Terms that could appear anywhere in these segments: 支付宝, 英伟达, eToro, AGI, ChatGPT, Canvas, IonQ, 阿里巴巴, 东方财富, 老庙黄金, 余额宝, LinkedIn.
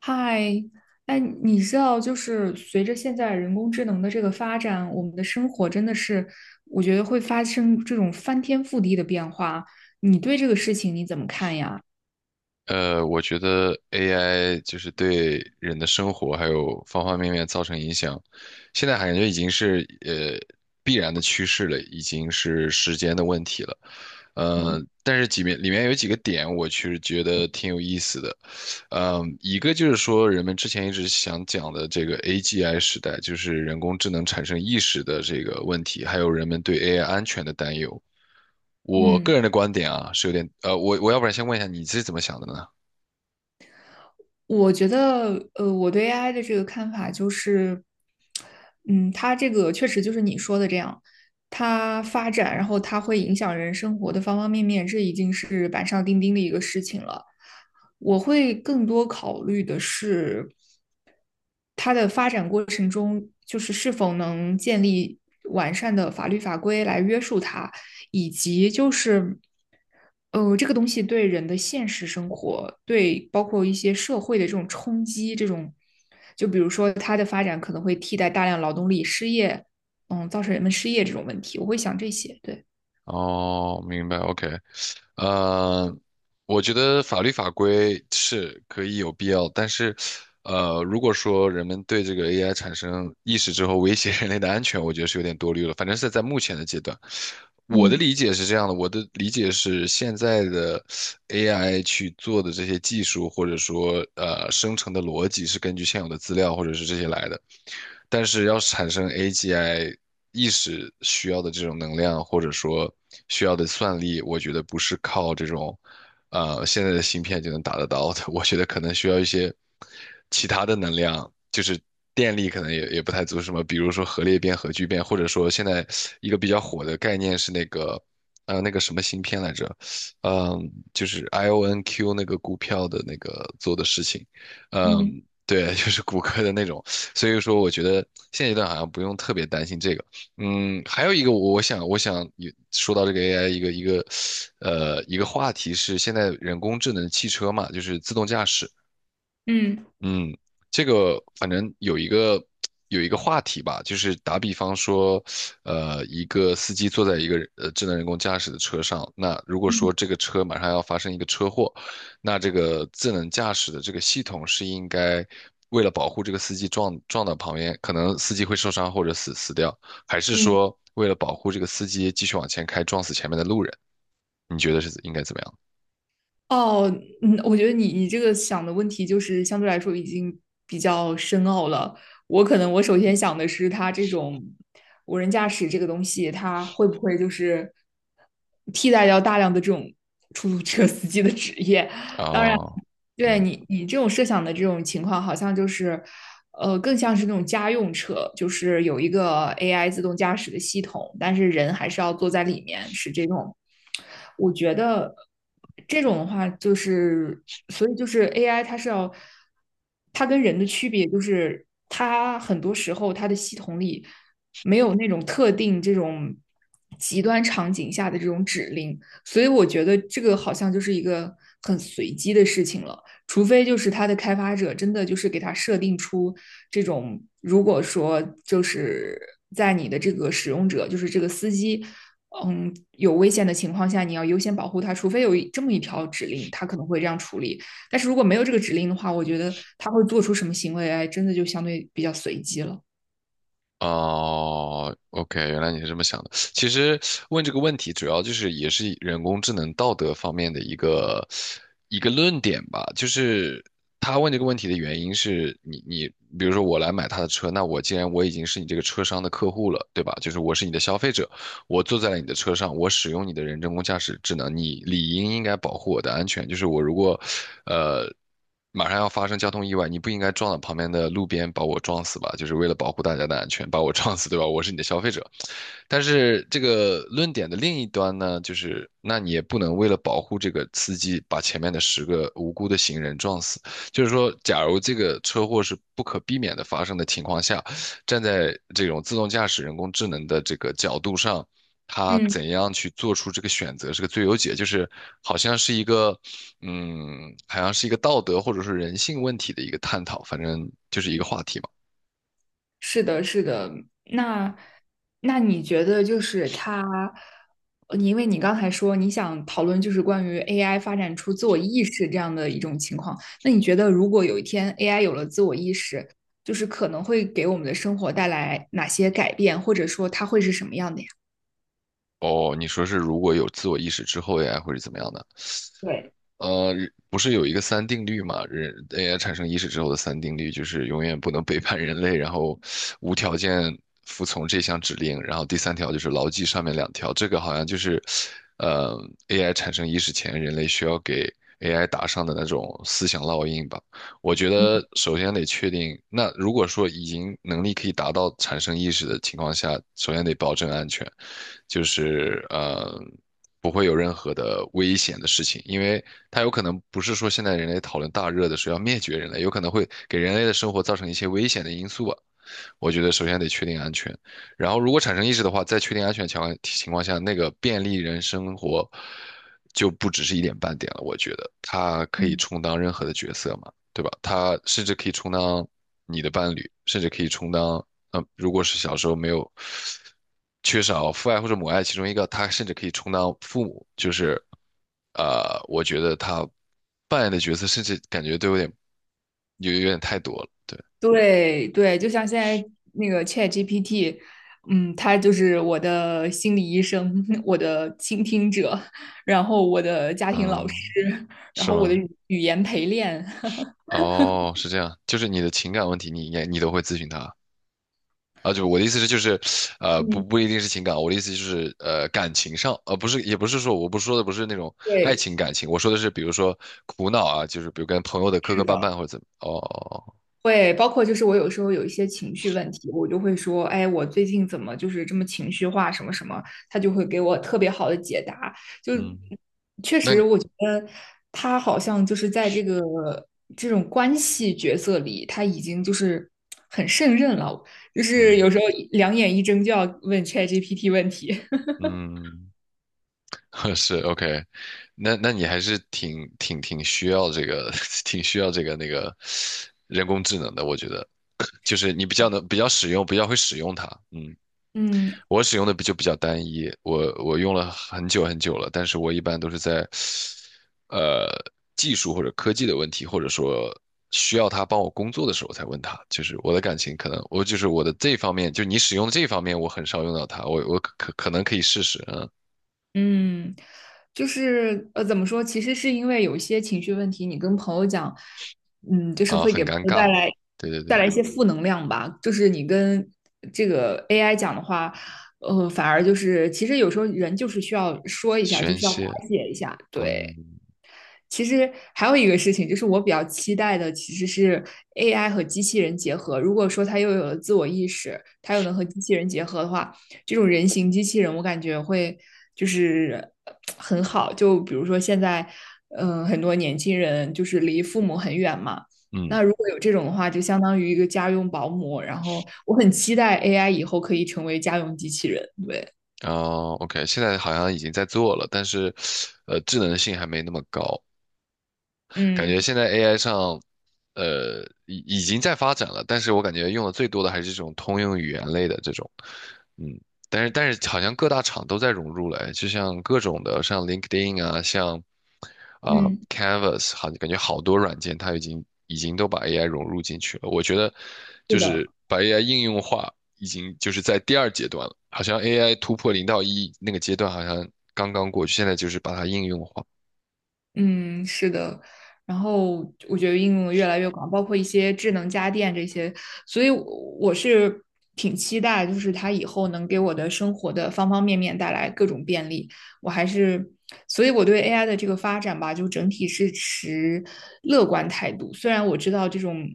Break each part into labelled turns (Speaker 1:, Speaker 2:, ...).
Speaker 1: 嗨，哎，你知道，就是随着现在人工智能的这个发展，我们的生活真的是，我觉得会发生这种翻天覆地的变化。你对这个事情你怎么看呀？
Speaker 2: 我觉得 AI 就是对人的生活还有方方面面造成影响，现在感觉已经是必然的趋势了，已经是时间的问题了。
Speaker 1: 嗯
Speaker 2: 但是几面里面有几个点，我其实觉得挺有意思的。一个就是说人们之前一直想讲的这个 AGI 时代，就是人工智能产生意识的这个问题，还有人们对 AI 安全的担忧。我个
Speaker 1: 嗯，
Speaker 2: 人的观点啊，是有点我要不然先问一下你是怎么想的呢？
Speaker 1: 我觉得，我对 AI 的这个看法就是，嗯，它这个确实就是你说的这样，它发展，然后它会影响人生活的方方面面，这已经是板上钉钉的一个事情了。我会更多考虑的是。它的发展过程中，就是是否能建立完善的法律法规来约束它，以及就是，这个东西对人的现实生活，对包括一些社会的这种冲击，这种，就比如说它的发展可能会替代大量劳动力失业，嗯，造成人们失业这种问题，我会想这些，对，
Speaker 2: 哦，明白，OK。呃，我觉得法律法规是可以有必要，但是，如果说人们对这个 AI 产生意识之后威胁人类的安全，我觉得是有点多虑了。反正是在目前的阶段，我的
Speaker 1: 嗯
Speaker 2: 理解是这样的，我的理解是现在的 AI 去做的这些技术，或者说生成的逻辑是根据现有的资料或者是这些来的。但是要产生 AGI 意识需要的这种能量，或者说需要的算力，我觉得不是靠这种现在的芯片就能达得到的。我觉得可能需要一些其他的能量，就是电力可能也不太足，什么比如说核裂变、核聚变，或者说现在一个比较火的概念是那个。那个什么芯片来着？就是 IONQ 那个股票的那个做的事情。
Speaker 1: 嗯
Speaker 2: 嗯，对。就是谷歌的那种。所以说，我觉得现阶段好像不用特别担心这个。嗯，还有一个我，我想，我想也说到这个 AI 一个话题是现在人工智能汽车嘛，就是自动驾驶。
Speaker 1: 嗯。
Speaker 2: 嗯，这个反正有一个话题吧，就是打比方说，一个司机坐在一个智能人工驾驶的车上，那如果说
Speaker 1: 嗯
Speaker 2: 这个车马上要发生一个车祸，那这个智能驾驶的这个系统是应该为了保护这个司机撞到旁边，可能司机会受伤或者死掉，还是
Speaker 1: 嗯，
Speaker 2: 说为了保护这个司机继续往前开撞死前面的路人？你觉得是应该怎么样？
Speaker 1: 哦，嗯，我觉得你这个想的问题就是相对来说已经比较深奥了。我可能我首先想的是，它这种无人驾驶这个东西，它会不会就是替代掉大量的这种出租车司机的职业？当然。
Speaker 2: 哦。
Speaker 1: 对
Speaker 2: 嗯
Speaker 1: 你这种设想的这种情况，好像就是，更像是那种家用车，就是有一个 AI 自动驾驶的系统，但是人还是要坐在里面，是这种。我觉得这种的话，就是所以就是 AI 它是要，它跟人的区别就是它很多时候它的系统里没有那种特定这种极端场景下的这种指令，所以我觉得这个好像就是一个很随机的事情了。除非就是它的开发者真的就是给它设定出这种，如果说就是在你的这个使用者，就是这个司机，嗯，有危险的情况下，你要优先保护他，除非有这么一条指令，它可能会这样处理。但是如果没有这个指令的话，我觉得他会做出什么行为，哎，真的就相对比较随机了。
Speaker 2: 哦，OK，原来你是这么想的。其实问这个问题，主要就是也是人工智能道德方面的一个论点吧。就是他问这个问题的原因是你，比如说我来买他的车，那我既然我已经是你这个车商的客户了，对吧？就是我是你的消费者，我坐在了你的车上，我使用你的人工驾驶智能，你理应应该保护我的安全。就是我如果呃。马上要发生交通意外，你不应该撞到旁边的路边把我撞死吧？就是为了保护大家的安全，把我撞死，对吧？我是你的消费者。但是这个论点的另一端呢，就是那你也不能为了保护这个司机，把前面的10个无辜的行人撞死。就是说，假如这个车祸是不可避免的发生的情况下，站在这种自动驾驶、人工智能的这个角度上，它
Speaker 1: 嗯，
Speaker 2: 怎样去做出这个选择是个最优解，就是好像是一个嗯，好像是一个道德或者是人性问题的一个探讨，反正就是一个话题嘛。
Speaker 1: 是的，是的。那你觉得就是它，你因为你刚才说你想讨论就是关于 AI 发展出自我意识这样的一种情况，那你觉得如果有一天 AI 有了自我意识，就是可能会给我们的生活带来哪些改变，或者说它会是什么样的呀？
Speaker 2: 哦，你说是如果有自我意识之后呀，或者怎么样的？
Speaker 1: 对。
Speaker 2: 呃，不是有一个三定律嘛？人 AI 产生意识之后的三定律就是永远不能背叛人类，然后无条件服从这项指令，然后第三条就是牢记上面两条。这个好像就是，呃，AI 产生意识前，人类需要给 AI 打上的那种思想烙印吧。我觉得首先得确定，那如果说已经能力可以达到产生意识的情况下，首先得保证安全，就是不会有任何的危险的事情，因为它有可能不是说现在人类讨论大热的时候要灭绝人类，有可能会给人类的生活造成一些危险的因素啊。我觉得首先得确定安全，然后如果产生意识的话，在确定安全情况下，那个便利人生活就不只是一点半点了。我觉得他可以
Speaker 1: 嗯。
Speaker 2: 充当任何的角色嘛，对吧？他甚至可以充当你的伴侣，甚至可以充当，如果是小时候没有缺少父爱或者母爱其中一个，他甚至可以充当父母，就是，我觉得他扮演的角色甚至感觉都有点，有点太多了。对。
Speaker 1: 对对，就像现在那个 ChatGPT，嗯，它就是我的心理医生，我的倾听者，然后我的家庭老师，
Speaker 2: 嗯，
Speaker 1: 然
Speaker 2: 是
Speaker 1: 后我的
Speaker 2: 吗？
Speaker 1: 语言陪练。
Speaker 2: 哦，是这样，就是你的情感问题你，应该你都会咨询他啊？就我的意思是，就是，不
Speaker 1: 嗯，
Speaker 2: 不一定是情感，我的意思就是，感情上，不是，也不是说，我不说的不是那种爱
Speaker 1: 对，
Speaker 2: 情感情，我说的是，比如说苦恼啊，就是比如跟朋友的磕磕
Speaker 1: 是
Speaker 2: 绊
Speaker 1: 的。
Speaker 2: 绊或者怎么。哦，哦哦，
Speaker 1: 会，包括就是我有时候有一些情绪问题，我就会说，哎，我最近怎么就是这么情绪化，什么什么，他就会给我特别好的解答。就
Speaker 2: 嗯。
Speaker 1: 确
Speaker 2: 那
Speaker 1: 实，
Speaker 2: 你
Speaker 1: 我觉得他好像就是在这个这种关系角色里，他已经就是很胜任了，就是
Speaker 2: 嗯
Speaker 1: 有时候两眼一睁就要问 ChatGPT 问题。
Speaker 2: 嗯。是， OK。那你还是挺需要这个，挺需要这个那个人工智能的，我觉得，就是你比较使用，比较会使用它。嗯。
Speaker 1: 嗯。
Speaker 2: 我使用的比较单一，我用了很久很久了，但是我一般都是在，呃，技术或者科技的问题，或者说需要他帮我工作的时候才问他。就是我的感情可能我就是我的这方面，就你使用的这方面，我很少用到它，我可能可以试试。嗯。
Speaker 1: 嗯，就是怎么说？其实是因为有一些情绪问题，你跟朋友讲，嗯，就是
Speaker 2: 啊，
Speaker 1: 会
Speaker 2: 很
Speaker 1: 给朋
Speaker 2: 尴
Speaker 1: 友
Speaker 2: 尬，
Speaker 1: 带来
Speaker 2: 对对对。
Speaker 1: 一些负能量吧。就是你跟这个 AI 讲的话，反而就是其实有时候人就是需要说一下，就
Speaker 2: 宣
Speaker 1: 需要发
Speaker 2: 泄。
Speaker 1: 泄一下，对。
Speaker 2: 嗯
Speaker 1: 其实还有一个事情，就是我比较期待的其实是 AI 和机器人结合。如果说它又有了自我意识，它又能和机器人结合的话，这种人形机器人，我感觉会就是很好。就比如说现在，很多年轻人就是离父母很远嘛，
Speaker 2: 嗯。
Speaker 1: 那如果有这种的话，就相当于一个家用保姆。然后我很期待 AI 以后可以成为家用机器人。对，
Speaker 2: 哦，OK，现在好像已经在做了，但是，智能性还没那么高，感觉
Speaker 1: 嗯
Speaker 2: 现在 AI 上，已经在发展了，但是我感觉用的最多的还是这种通用语言类的这种。嗯，但是好像各大厂都在融入了，哎就像各种的，像 LinkedIn 啊，像
Speaker 1: 嗯，
Speaker 2: Canvas，好，感觉好多软件它已经都把 AI 融入进去了。我觉得
Speaker 1: 是
Speaker 2: 就
Speaker 1: 的。
Speaker 2: 是把 AI 应用化，已经就是在第二阶段了，好像 AI 突破零到一那个阶段好像刚刚过去，现在就是把它应用化。
Speaker 1: 嗯，是的。然后我觉得应用得越来越广，包括一些智能家电这些，所以我是挺期待，就是它以后能给我的生活的方方面面带来各种便利。我还是，所以我对 AI 的这个发展吧，就整体是持乐观态度。虽然我知道这种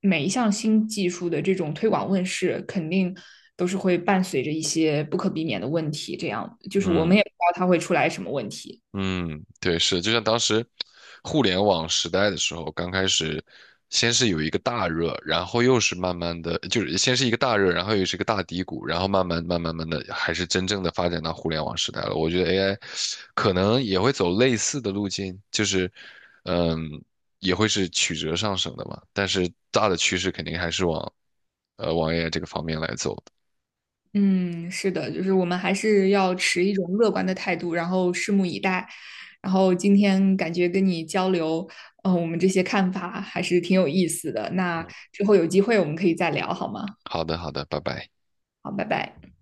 Speaker 1: 每一项新技术的这种推广问世，肯定都是会伴随着一些不可避免的问题，这样就是我
Speaker 2: 嗯。
Speaker 1: 们也不知道它会出来什么问题。
Speaker 2: 嗯，对，是，就像当时互联网时代的时候，刚开始先是有一个大热，然后又是慢慢的，就是先是一个大热，然后又是一个大低谷，然后慢慢慢慢慢的，还是真正的发展到互联网时代了。我觉得 AI 可能也会走类似的路径，就是嗯，也会是曲折上升的嘛，但是大的趋势肯定还是往 AI 这个方面来走的。
Speaker 1: 嗯，是的，就是我们还是要持一种乐观的态度，然后拭目以待。然后今天感觉跟你交流，我们这些看法还是挺有意思的。那之后有机会我们可以再聊，好吗？
Speaker 2: 好的，好的，拜拜。
Speaker 1: 好，拜拜。